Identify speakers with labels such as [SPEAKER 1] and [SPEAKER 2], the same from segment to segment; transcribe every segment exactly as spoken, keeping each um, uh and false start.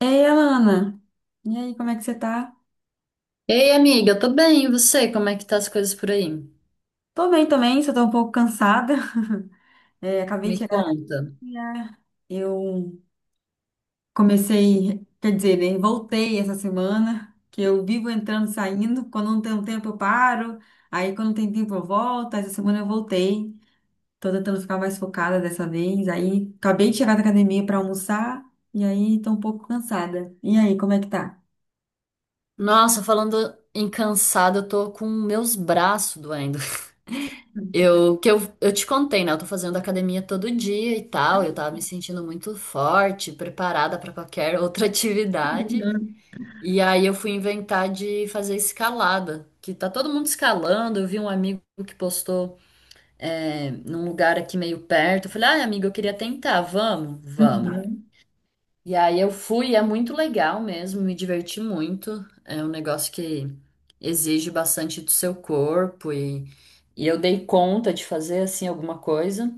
[SPEAKER 1] Ei, Alana, e aí, como é que você tá?
[SPEAKER 2] Ei, amiga, eu tô bem, e você? Como é que tá as coisas por aí?
[SPEAKER 1] Tô bem também, só tô um pouco cansada. É, acabei
[SPEAKER 2] Me
[SPEAKER 1] de chegar da
[SPEAKER 2] conta.
[SPEAKER 1] academia. Eu comecei, quer dizer, né, voltei essa semana, que eu vivo entrando e saindo. Quando não tem um tempo, eu paro. Aí, quando tem tempo, eu volto. Essa semana eu voltei. Tô tentando ficar mais focada dessa vez. Aí, acabei de chegar da academia pra almoçar. E aí, tô um pouco cansada. E aí, como é que tá?
[SPEAKER 2] Nossa, falando em cansada, eu tô com meus braços doendo. Eu, que eu, eu te contei, né? Eu tô fazendo academia todo dia e tal, eu tava me sentindo muito forte, preparada pra qualquer outra atividade. E aí eu fui inventar de fazer escalada, que tá todo mundo escalando. Eu vi um amigo que postou, é, num lugar aqui meio perto. Eu falei, ai, amigo, eu queria tentar, vamos? Vamos.
[SPEAKER 1] Uhum.
[SPEAKER 2] E aí eu fui, é muito legal mesmo, me diverti muito. É um negócio que exige bastante do seu corpo e, e eu dei conta de fazer assim alguma coisa.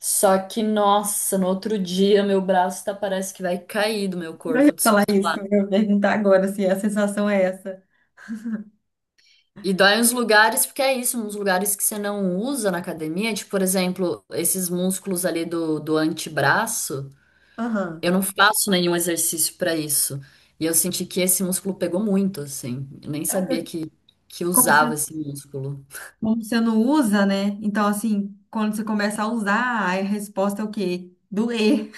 [SPEAKER 2] Só que, nossa, no outro dia meu braço tá, parece que vai cair do meu
[SPEAKER 1] Eu
[SPEAKER 2] corpo
[SPEAKER 1] ia falar
[SPEAKER 2] descolar.
[SPEAKER 1] isso, eu ia perguntar agora se a sensação é essa.
[SPEAKER 2] E dói uns lugares, porque é isso, uns lugares que você não usa na academia, tipo, por exemplo, esses músculos ali do, do antebraço.
[SPEAKER 1] Aham.
[SPEAKER 2] Eu não faço nenhum exercício para isso. E eu senti que esse músculo pegou muito, assim. Eu nem
[SPEAKER 1] Ela
[SPEAKER 2] sabia
[SPEAKER 1] tá-
[SPEAKER 2] que, que
[SPEAKER 1] Como você,
[SPEAKER 2] usava esse músculo.
[SPEAKER 1] como você não usa, né? Então, assim, quando você começa a usar, aí a resposta é o quê? Doer.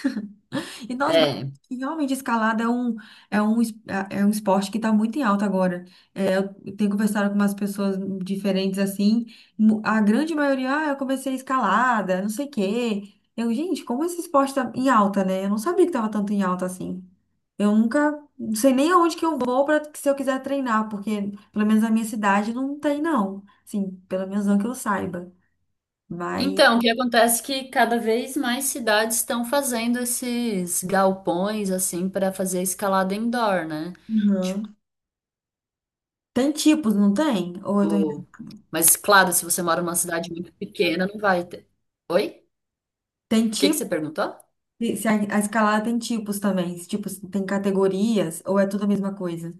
[SPEAKER 1] E nós, mas
[SPEAKER 2] É.
[SPEAKER 1] que realmente escalada é um, é um, es- é é um esporte que está muito em alta agora. É, eu tenho conversado com umas pessoas diferentes assim, mu- a grande maioria, ah, eu comecei escalada, não sei o quê. Eu, gente, como esse esporte está em alta, né? Eu não sabia que estava tanto em alta assim. Eu nunca, não sei nem aonde que eu vou para se eu quiser treinar, porque pelo menos na minha cidade não tem, não. Assim, pelo menos não que eu saiba. Mas,
[SPEAKER 2] Então, o que acontece é que cada vez mais cidades estão fazendo esses galpões, assim, para fazer escalada indoor, né?
[SPEAKER 1] uhum. Tem tipos, não tem? Ou eu tô...
[SPEAKER 2] Tipo. Mas, claro, se você mora numa cidade muito pequena, não vai ter. Oi?
[SPEAKER 1] Tem
[SPEAKER 2] O que que
[SPEAKER 1] tipo
[SPEAKER 2] você perguntou?
[SPEAKER 1] E se a, a escalada tem tipos também, se, tipo, se tem categorias ou é tudo a mesma coisa?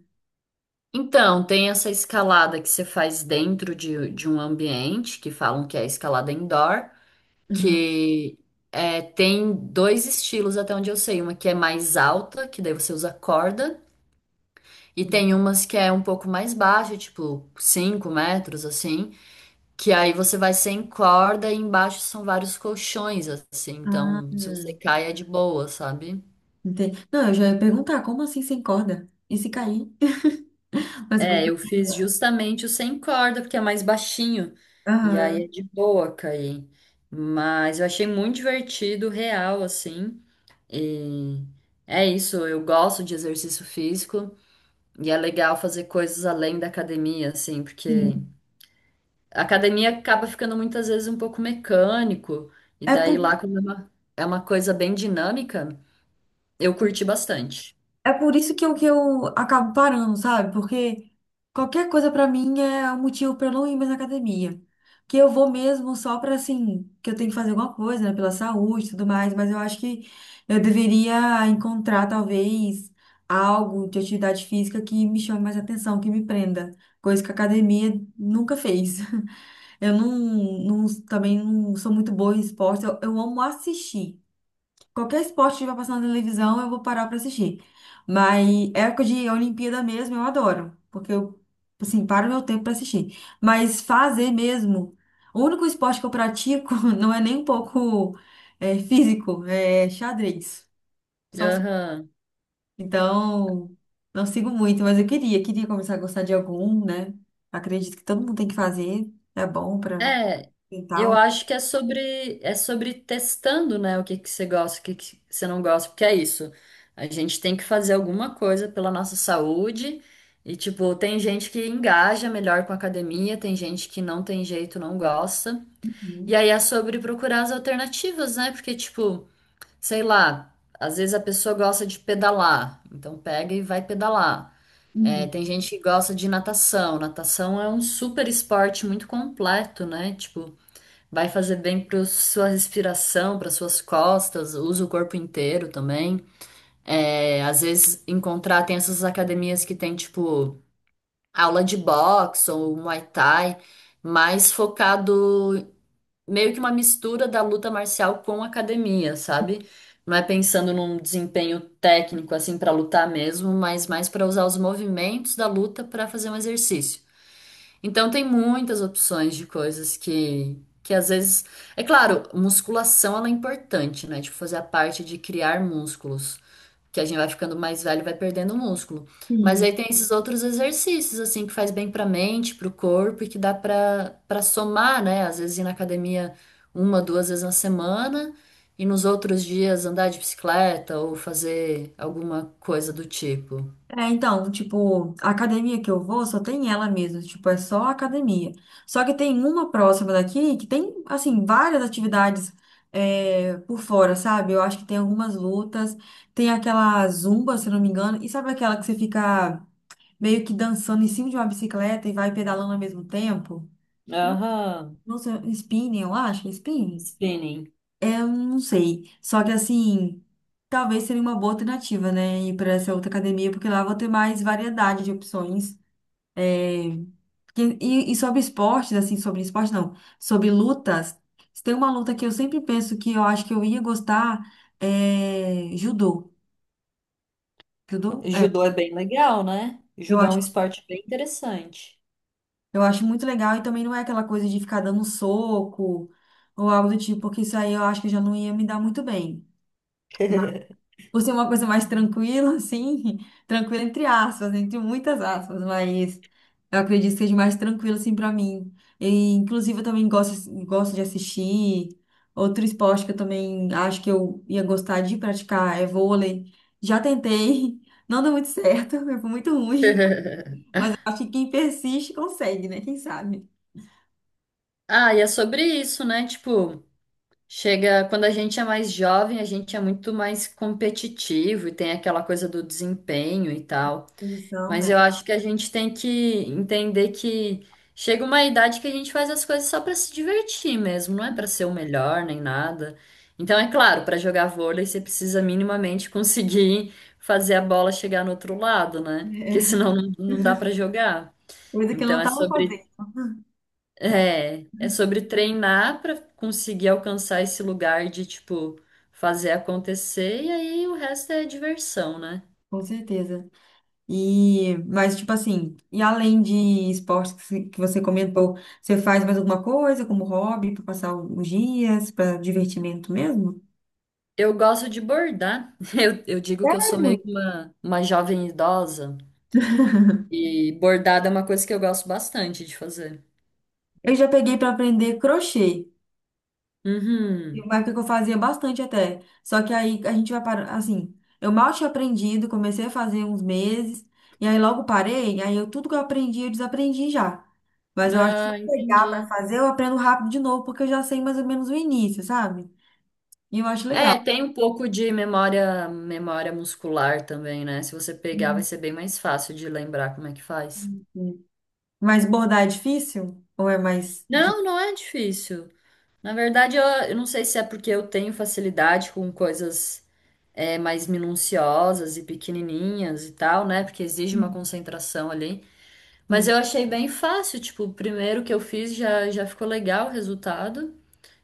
[SPEAKER 2] Então, tem essa escalada que você faz dentro de, de um ambiente, que falam que é escalada indoor,
[SPEAKER 1] Uhum.
[SPEAKER 2] que é, tem dois estilos até onde eu sei, uma que é mais alta, que daí você usa corda, e tem umas que é um pouco mais baixa, tipo cinco metros assim, que aí você vai sem corda e embaixo são vários colchões assim,
[SPEAKER 1] Ah,
[SPEAKER 2] então se você
[SPEAKER 1] hum,
[SPEAKER 2] cai é de boa, sabe?
[SPEAKER 1] Entendi. Não, eu já ia perguntar, como assim sem corda? E se cair? Mas,
[SPEAKER 2] É, eu fiz justamente o sem corda, porque é mais baixinho, e aí é
[SPEAKER 1] aham,
[SPEAKER 2] de boa cair. Mas eu achei muito divertido, real, assim. E é isso, eu gosto de exercício físico e é legal fazer coisas além da academia, assim, porque
[SPEAKER 1] sim.
[SPEAKER 2] a academia acaba ficando muitas vezes um pouco mecânico, e
[SPEAKER 1] É
[SPEAKER 2] daí lá, como é uma, é uma coisa bem dinâmica, eu curti bastante.
[SPEAKER 1] É por isso que eu, que eu acabo parando, sabe? Porque qualquer coisa pra mim é um motivo pra eu não ir mais na academia. Que eu vou mesmo só pra, assim, que eu tenho que fazer alguma coisa, né? Pela saúde e tudo mais, mas eu acho que eu deveria encontrar, talvez, algo de atividade física que me chame mais atenção, que me prenda. Coisa que a academia nunca fez. Eu não, não- Também não sou muito boa em esporte, eu, eu amo assistir. Qualquer esporte que vai passar na televisão, eu vou parar pra assistir. Mas é época de Olimpíada mesmo, eu adoro. Porque eu, assim, paro meu tempo pra assistir. Mas fazer mesmo, o único esporte que eu pratico não é nem um pouco é, físico, é xadrez. Só se-
[SPEAKER 2] Aham.
[SPEAKER 1] Então, não sigo muito, mas eu queria, queria começar a gostar de algum, né? Acredito que todo mundo tem que fazer, é bom pra
[SPEAKER 2] É, eu
[SPEAKER 1] mental.
[SPEAKER 2] acho que é sobre é sobre testando, né, o que que você gosta, o que que você não gosta, porque é isso. A gente tem que fazer alguma coisa pela nossa saúde e tipo, tem gente que engaja melhor com a academia, tem gente que não tem jeito, não gosta. E
[SPEAKER 1] Uhum.
[SPEAKER 2] aí é sobre procurar as alternativas, né? Porque tipo, sei lá, às vezes a pessoa gosta de pedalar, então pega e vai pedalar. É,
[SPEAKER 1] Uhum.
[SPEAKER 2] tem gente que gosta de natação. Natação é um super esporte muito completo, né? Tipo, vai fazer bem para sua respiração, para suas costas, usa o corpo inteiro também. É, às vezes encontrar tem essas academias que tem tipo aula de boxe ou Muay Thai, mais focado meio que uma mistura da luta marcial com academia, sabe? Não é pensando num desempenho técnico assim para lutar mesmo, mas mais para usar os movimentos da luta para fazer um exercício. Então tem muitas opções de coisas que que às vezes, é claro, musculação ela é importante, né? Tipo fazer a parte de criar músculos, que a gente vai ficando mais velho e vai perdendo músculo. Mas aí
[SPEAKER 1] Sim.
[SPEAKER 2] tem esses outros exercícios assim que faz bem para a mente, para o corpo e que dá para para somar, né? Às vezes ir na academia uma, duas vezes na semana e nos outros dias andar de bicicleta ou fazer alguma coisa do tipo.
[SPEAKER 1] É, então, tipo, a academia que eu vou só tem ela mesmo, tipo, é só a academia. Só que tem uma próxima daqui que tem, assim, várias atividades é, por fora, sabe? Eu acho que tem algumas lutas, tem aquela zumba, se não me engano, e sabe aquela que você fica meio que dançando em cima de uma bicicleta e vai pedalando ao mesmo tempo? Não,
[SPEAKER 2] Aham,
[SPEAKER 1] não sei, spinning, eu acho, é spinning.
[SPEAKER 2] spinning.
[SPEAKER 1] É, eu não sei. Só que assim, talvez seria uma boa alternativa, né? Ir para essa outra academia, porque lá eu vou ter mais variedade de opções. É, porque- E, e sobre esportes, assim, sobre esporte não, sobre lutas, se tem uma luta que eu sempre penso que eu acho que eu ia gostar, é judô. Judô? É,
[SPEAKER 2] Judô é bem legal, né?
[SPEAKER 1] eu
[SPEAKER 2] Judô é um
[SPEAKER 1] acho,
[SPEAKER 2] esporte bem interessante.
[SPEAKER 1] eu acho muito legal e também não é aquela coisa de ficar dando soco ou algo do tipo, porque isso aí eu acho que já não ia me dar muito bem. Por ser uma coisa mais tranquila, assim, tranquila entre aspas, entre muitas aspas, mas eu acredito que seja mais tranquilo, assim, pra mim. E, inclusive, eu também gosto, gosto de assistir. Outro esporte que eu também acho que eu ia gostar de praticar é vôlei. Já tentei, não deu muito certo, foi muito ruim, mas eu acho que quem persiste consegue, né? Quem sabe?
[SPEAKER 2] Ah, e é sobre isso, né? Tipo, chega quando a gente é mais jovem, a gente é muito mais competitivo e tem aquela coisa do desempenho e tal.
[SPEAKER 1] Posição,
[SPEAKER 2] Mas
[SPEAKER 1] né?
[SPEAKER 2] eu acho que a gente tem que entender que chega uma idade que a gente faz as coisas só para se divertir mesmo, não é para ser o melhor nem nada. Então, é claro, para jogar vôlei você precisa minimamente conseguir fazer a bola chegar no outro lado, né? Porque
[SPEAKER 1] É,
[SPEAKER 2] senão não, não dá para jogar.
[SPEAKER 1] coisa que eu
[SPEAKER 2] Então
[SPEAKER 1] não
[SPEAKER 2] é
[SPEAKER 1] tava
[SPEAKER 2] sobre
[SPEAKER 1] fazendo,
[SPEAKER 2] é, é sobre treinar para conseguir alcançar esse lugar de tipo fazer acontecer e aí o resto é diversão, né?
[SPEAKER 1] com certeza. E, mas, tipo assim, e além de esportes que se- que você comentou, você faz mais alguma coisa como hobby para passar alguns dias, para divertimento mesmo?
[SPEAKER 2] Eu gosto de bordar. Eu, eu digo que eu sou
[SPEAKER 1] Sério?
[SPEAKER 2] meio que uma, uma jovem idosa. E bordado é uma coisa que eu gosto bastante de fazer.
[SPEAKER 1] Eu já peguei para aprender crochê. Teve
[SPEAKER 2] Uhum.
[SPEAKER 1] uma época que eu fazia bastante até. Só que aí a gente vai para assim, eu mal tinha aprendido, comecei a fazer uns meses, e aí logo parei, aí eu tudo que eu aprendi, eu desaprendi já. Mas eu acho que se eu
[SPEAKER 2] Ah,
[SPEAKER 1] pegar para
[SPEAKER 2] entendi.
[SPEAKER 1] fazer, eu aprendo rápido de novo, porque eu já sei mais ou menos o início, sabe? E eu acho legal.
[SPEAKER 2] É, tem um pouco de memória, memória, muscular também, né? Se você pegar, vai
[SPEAKER 1] Hum,
[SPEAKER 2] ser bem mais fácil de lembrar como é que faz.
[SPEAKER 1] Mas bordar é difícil? Ou é mais de...
[SPEAKER 2] Não, não é difícil. Na verdade, eu, eu não sei se é porque eu tenho facilidade com coisas é, mais minuciosas e pequenininhas e tal, né? Porque exige uma concentração ali. Mas
[SPEAKER 1] Hum.
[SPEAKER 2] eu achei bem fácil, tipo, o primeiro que eu fiz já, já ficou legal o resultado.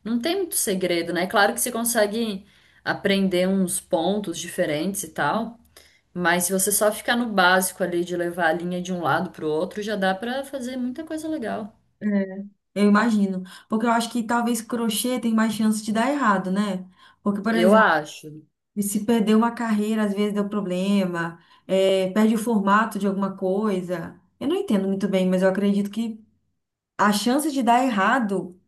[SPEAKER 2] Não tem muito segredo, né? Claro que você consegue aprender uns pontos diferentes e tal, mas se você só ficar no básico ali de levar a linha de um lado pro outro, já dá pra fazer muita coisa legal.
[SPEAKER 1] É, eu imagino. Porque eu acho que talvez crochê tem mais chance de dar errado, né? Porque, por
[SPEAKER 2] Eu
[SPEAKER 1] exemplo,
[SPEAKER 2] acho.
[SPEAKER 1] se perder uma carreira, às vezes deu problema, é, perde o formato de alguma coisa. Eu não entendo muito bem, mas eu acredito que a chance de dar errado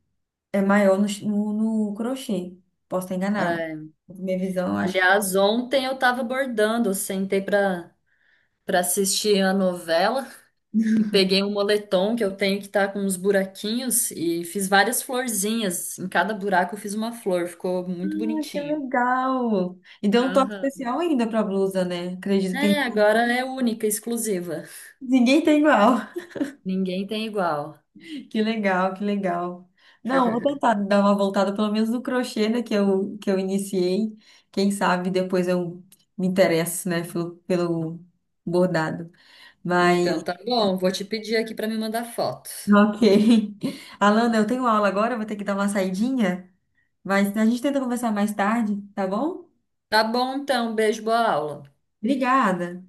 [SPEAKER 1] é maior no, ch- no, no crochê. Posso estar enganado.
[SPEAKER 2] É.
[SPEAKER 1] Minha visão, eu acho que.
[SPEAKER 2] Aliás, ontem eu tava bordando, eu sentei pra, pra assistir a novela. E peguei um moletom que eu tenho que tá com uns buraquinhos e fiz várias florzinhas. Em cada buraco eu fiz uma flor, ficou
[SPEAKER 1] Ah,
[SPEAKER 2] muito
[SPEAKER 1] que
[SPEAKER 2] bonitinho.
[SPEAKER 1] legal! E deu um toque
[SPEAKER 2] Aham.
[SPEAKER 1] especial ainda para a blusa, né? Acredito que
[SPEAKER 2] É,
[SPEAKER 1] tem.
[SPEAKER 2] agora é única, exclusiva.
[SPEAKER 1] Ninguém tem igual.
[SPEAKER 2] Ninguém tem igual.
[SPEAKER 1] Que legal, que legal. Não, vou tentar dar uma voltada pelo menos no crochê, né, que eu, que eu iniciei. Quem sabe depois eu me interesso, né, pelo, pelo bordado.
[SPEAKER 2] Então
[SPEAKER 1] Mas,
[SPEAKER 2] tá bom, vou te pedir aqui pra me mandar foto.
[SPEAKER 1] ok. Alana, eu tenho aula agora, vou ter que dar uma saidinha, mas a gente tenta conversar mais tarde, tá bom?
[SPEAKER 2] Tá bom então, beijo, boa aula.
[SPEAKER 1] Obrigada.